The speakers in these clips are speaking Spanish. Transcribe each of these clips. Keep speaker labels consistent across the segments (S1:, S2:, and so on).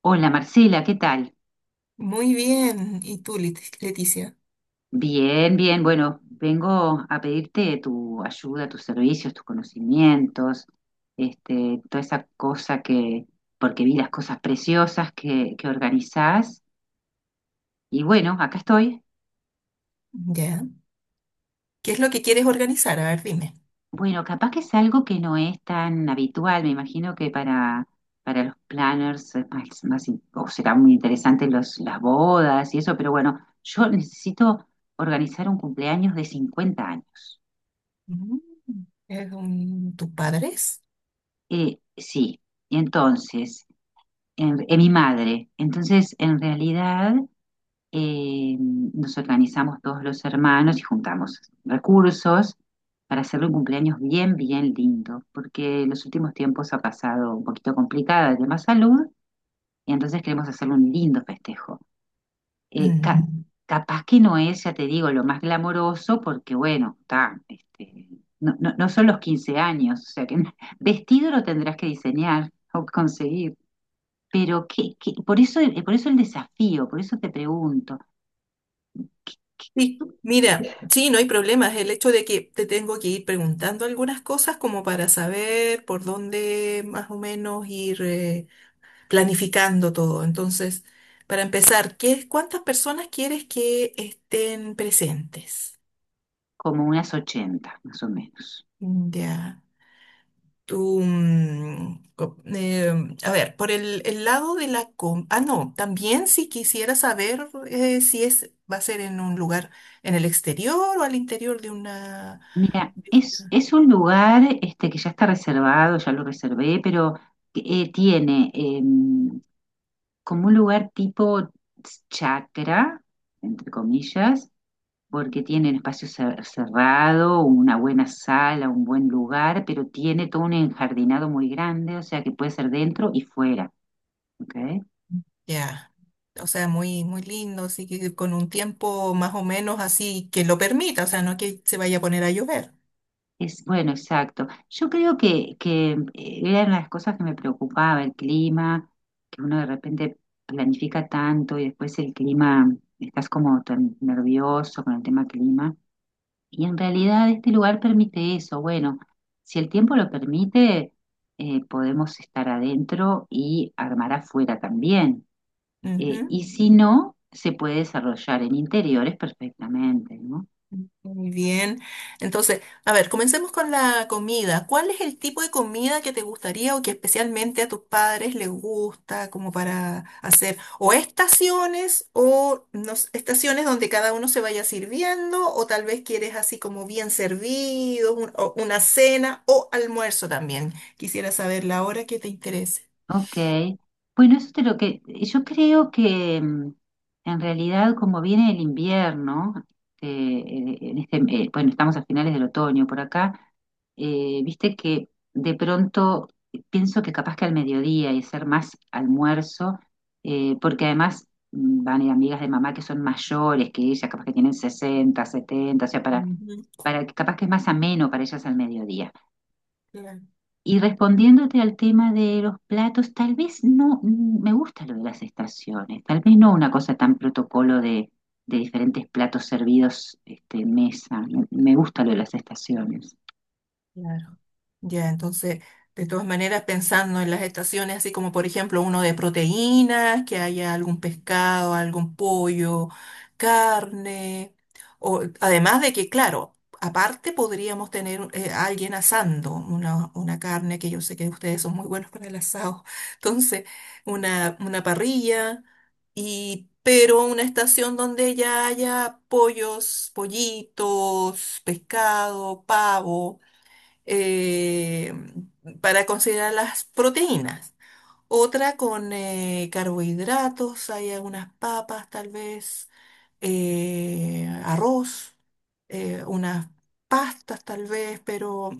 S1: Hola Marcela, ¿qué tal?
S2: Muy bien. ¿Y tú, Leticia?
S1: Bien, bien. Bueno, vengo a pedirte tu ayuda, tus servicios, tus conocimientos, toda esa cosa que, porque vi las cosas preciosas que organizás. Y bueno, acá estoy.
S2: Ya. ¿Qué es lo que quieres organizar? A ver, dime.
S1: Bueno, capaz que es algo que no es tan habitual. Me imagino que para los planners es más o será muy interesante las bodas y eso, pero bueno, yo necesito organizar un cumpleaños de 50 años.
S2: Mm, ¿Es tus padres?
S1: Sí, entonces, mi madre. Entonces, en realidad, nos organizamos todos los hermanos y juntamos recursos para hacerle un cumpleaños bien lindo, porque en los últimos tiempos ha pasado un poquito complicada de tema salud, y entonces queremos hacerle un lindo festejo eh, ca-
S2: Mm.
S1: capaz que no es, ya te digo, lo más glamoroso, porque bueno, no son los 15 años, o sea que vestido lo tendrás que diseñar o conseguir. Por eso, por eso el desafío, por eso te pregunto, ¿qué- qué-
S2: Sí, mira,
S1: qué-
S2: sí, no hay problemas. El hecho de que te tengo que ir preguntando algunas cosas como para saber por dónde más o menos ir planificando todo. Entonces, para empezar, ¿ cuántas personas quieres que estén presentes?
S1: como unas 80 más o menos.
S2: Ya, tú, a ver, por el lado de la Ah, no, también si quisiera saber si es, va a ser en un lugar en el exterior o al interior de una.
S1: Mira, es un lugar este, que ya está reservado, ya lo reservé, pero tiene como un lugar tipo chakra, entre comillas, porque tiene un espacio cerrado, una buena sala, un buen lugar, pero tiene todo un enjardinado muy grande, o sea que puede ser dentro y fuera, ¿ok?
S2: Ya, o sea, muy, muy lindo, así que con un tiempo más o menos así que lo permita, o sea, no que se vaya a poner a llover.
S1: Es bueno, exacto. Yo creo que era una de las cosas que me preocupaba, el clima, que uno de repente planifica tanto y después el clima, estás como tan nervioso con el tema clima. Y en realidad este lugar permite eso. Bueno, si el tiempo lo permite, podemos estar adentro y armar afuera también. Eh,
S2: Ujú.
S1: y si no, se puede desarrollar en interiores perfectamente, ¿no?
S2: Muy bien. Entonces, a ver, comencemos con la comida. ¿Cuál es el tipo de comida que te gustaría o que especialmente a tus padres les gusta como para hacer o estaciones o no s- estaciones donde cada uno se vaya sirviendo o tal vez quieres así como bien servido, o una cena o almuerzo también? Quisiera saber la hora que te interese.
S1: Ok. Bueno, eso es de lo que yo creo que en realidad como viene el invierno, bueno, estamos a finales del otoño por acá, viste que de pronto pienso que capaz que al mediodía y hacer más almuerzo, porque además van a ir amigas de mamá que son mayores que ella, capaz que tienen 60, 70, o sea,
S2: Ujú,
S1: para que capaz que es más ameno para ellas al mediodía.
S2: claro,
S1: Y respondiéndote al tema de los platos, tal vez no, me gusta lo de las estaciones, tal vez no una cosa tan protocolo de diferentes platos servidos este, en mesa, me gusta lo de las estaciones.
S2: claro. Ya, entonces, de todas maneras, pensando en las estaciones, así como por ejemplo uno de proteínas, que haya algún pescado, algún pollo, carne, o además de que, claro, aparte podríamos tener a alguien asando una carne, que yo sé que ustedes son muy buenos para el asado, entonces, una parrilla, y pero una estación donde ya haya pollos, pollitos, pescado, pavo eh, para considerar las proteínas. Otra con carbohidratos, hay algunas papas tal vez, arroz, unas pastas tal vez, pero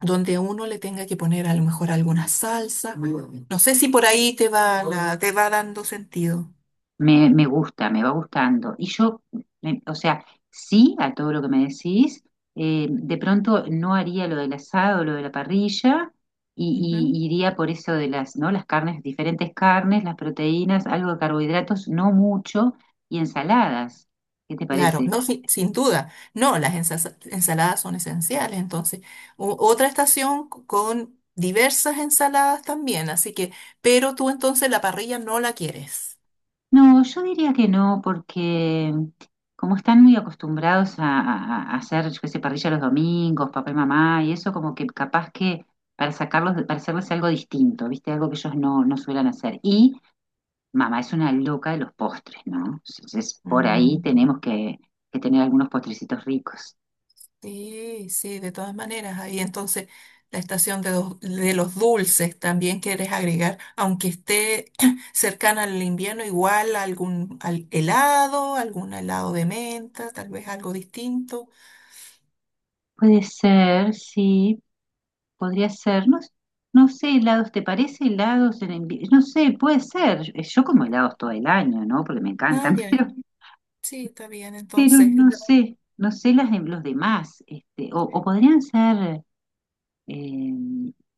S2: donde uno le tenga que poner a lo mejor alguna salsa. Muy bien. No sé si por ahí te va, te va dando sentido.
S1: Me gusta, me va gustando. O sea, sí a todo lo que me decís, de pronto no haría lo del asado, lo de la parrilla,
S2: Ujú.
S1: y iría por eso de las, ¿no? Las carnes, diferentes carnes, las proteínas, algo de carbohidratos, no mucho, y ensaladas. ¿Qué te
S2: Claro,
S1: parece?
S2: no, sin duda. No, las ensaladas son esenciales. Entonces, otra estación con diversas ensaladas también. Así que, pero tú entonces la parrilla no la quieres.
S1: No, yo diría que no, porque como están muy acostumbrados a, a hacer, yo qué sé, parrilla los domingos, papá y mamá, y eso como que capaz que para sacarlos, para hacerles algo distinto, ¿viste? Algo que ellos no suelen hacer. Y mamá es una loca de los postres, ¿no? Entonces, por ahí
S2: Mm,
S1: tenemos que tener algunos postrecitos ricos.
S2: sí, sí, de todas maneras. Ahí entonces la estación de, de los dulces también quieres agregar, aunque esté cercana al invierno, igual algún helado, algún helado de menta, tal vez algo distinto.
S1: Puede ser, sí, podría ser. No, no sé, helados, ¿te parece helados en invierno? No sé, puede ser. Yo como helados todo el año, ¿no? Porque me encantan,
S2: Ay, ay,
S1: pero...
S2: sí, está bien.
S1: Pero
S2: Entonces,
S1: no sé, no sé las
S2: no.
S1: de los demás, o podrían ser eh,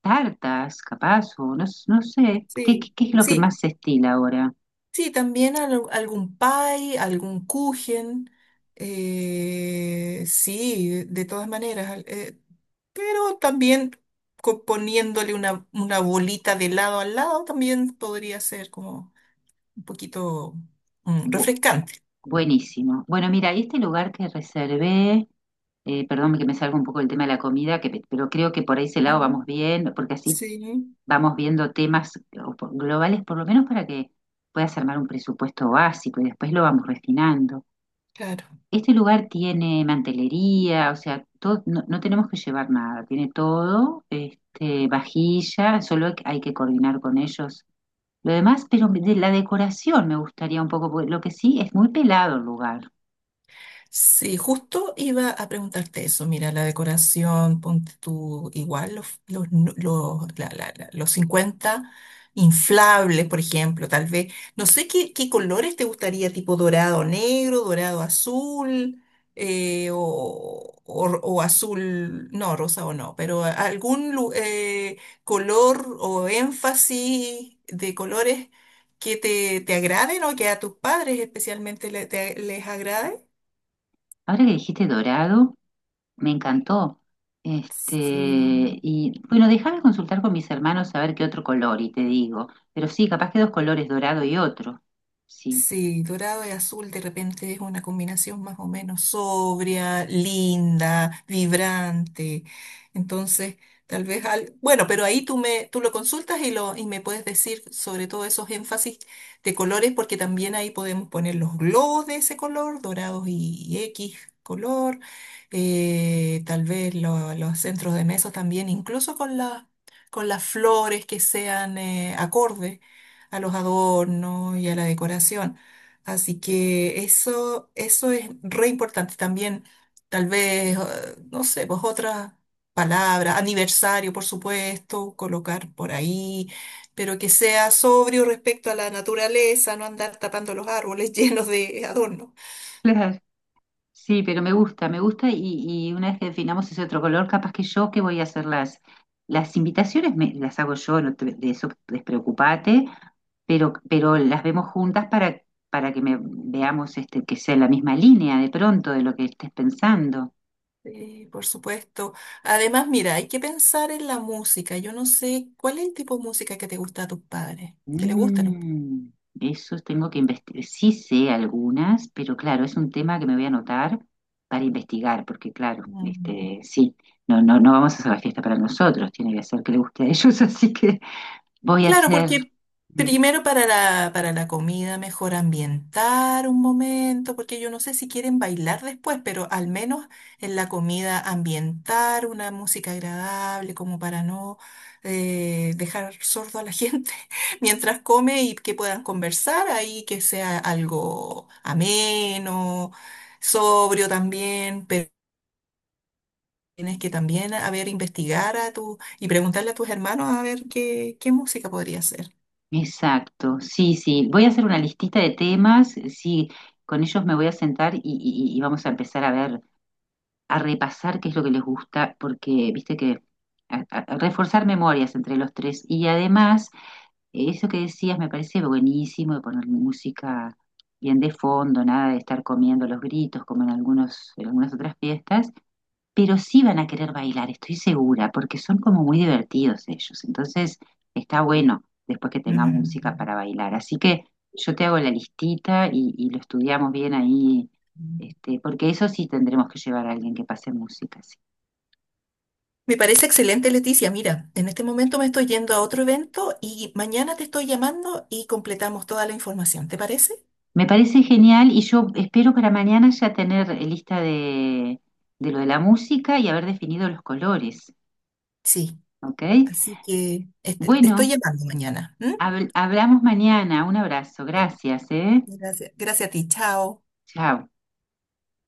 S1: tartas, capaz, o no, no sé,
S2: Sí,
S1: ¿qué es lo que
S2: sí,
S1: más se estila ahora?
S2: sí, también algún pie, algún kuchen, sí, de todas maneras, pero también poniéndole una bolita de lado al lado también podría ser como un poquito
S1: Bu-
S2: refrescante.
S1: Buenísimo. Bueno, mira, y este lugar que reservé, perdón que me salga un poco el tema de la comida, pero creo que por ese lado
S2: Ujú.
S1: vamos bien, porque así
S2: Sí,
S1: vamos viendo temas globales, por lo menos para que puedas armar un presupuesto básico y después lo vamos refinando.
S2: claro.
S1: Este lugar tiene mantelería, o sea, no tenemos que llevar nada, tiene todo, este, vajilla, que hay que coordinar con ellos. Lo demás, pero de la decoración me gustaría un poco, porque lo que sí es muy pelado el lugar.
S2: Sí, justo iba a preguntarte eso. Mira, la decoración, ponte tú igual, los, nu- los, la- la- la- los 50 inflables, por ejemplo, tal vez. No sé qué colores te gustaría, tipo dorado negro, dorado azul, o azul, no, rosa o no, pero algún color o énfasis de colores que te agraden o que a tus padres especialmente les agrade.
S1: Ahora que dijiste dorado, me encantó. Este,
S2: Sí,
S1: y bueno, déjame consultar con mis hermanos a ver qué otro color y te digo, pero sí, capaz que dos colores, dorado y otro. Sí.
S2: sí, dorado y azul de repente es una combinación más o menos sobria, linda, vibrante. Entonces, tal vez al... Bueno, pero ahí tú me, tú lo consultas y lo, y me puedes decir sobre todo esos énfasis de colores, porque también ahí podemos poner los globos de ese color, dorados y X color, tal vez los centros de mesa también, incluso con con las flores que sean acordes a los adornos y a la decoración. Así que eso es re importante también. Tal vez, no sé, pues otras palabras, aniversario, por supuesto, colocar por ahí, pero que sea sobrio respecto a la naturaleza, no andar tapando los árboles llenos de adornos.
S1: Claro. Sí, pero me gusta y una vez que definamos ese otro color, capaz que yo que voy a hacer las invitaciones, las hago yo, no te- de eso despreocupate, pero las vemos juntas para que veamos este, que sea la misma línea de pronto de lo que estés pensando.
S2: Sí, por supuesto. Además, mira, hay que pensar en la música. Yo no sé cuál es el tipo de música que te gusta a tus padres, que le gusta a
S1: Mm, eso tengo que investigar. Sí sé algunas, pero claro, es un tema que me voy a anotar para investigar, porque claro,
S2: los.
S1: este, sí, no vamos a hacer la fiesta para nosotros, tiene que hacer que le guste a ellos, así que Voy a
S2: Claro,
S1: hacer,
S2: porque
S1: mm,
S2: primero para la, comida mejor ambientar un momento, porque yo no sé si quieren bailar después, pero al menos en la comida ambientar una música agradable como para no dejar sordo a la gente mientras come y que puedan conversar ahí, que sea algo ameno, sobrio también, pero tienes que también, a ver, investigar y preguntarle a tus hermanos a ver qué, música podría ser.
S1: exacto, sí, voy a hacer una listita de temas, sí, con ellos me voy a sentar y vamos a empezar a ver, a repasar qué es lo que les gusta, porque viste que a reforzar memorias entre los tres y además eso que decías me parece buenísimo de poner música bien de fondo, nada de estar comiendo los gritos como en en algunas otras fiestas pero sí van a querer bailar, estoy segura, porque son como muy divertidos ellos. Entonces, está bueno después que tengan música para bailar. Así que yo te hago la listita y lo estudiamos bien ahí, este, porque eso sí tendremos que llevar a alguien que pase música, sí.
S2: Me parece excelente, Leticia. Mira, en este momento me estoy yendo a otro evento y mañana te estoy llamando y completamos toda la información. ¿Te parece?
S1: Me parece genial y yo espero para mañana ya tener lista de lo de la música y haber definido los colores,
S2: Sí.
S1: ¿ok?
S2: Así que este, te estoy
S1: Bueno,
S2: llamando mañana. ¿M?
S1: hablamos mañana. Un abrazo,
S2: Sí.
S1: gracias, ¿eh?
S2: Gracias. Gracias a ti. Chao.
S1: Chao.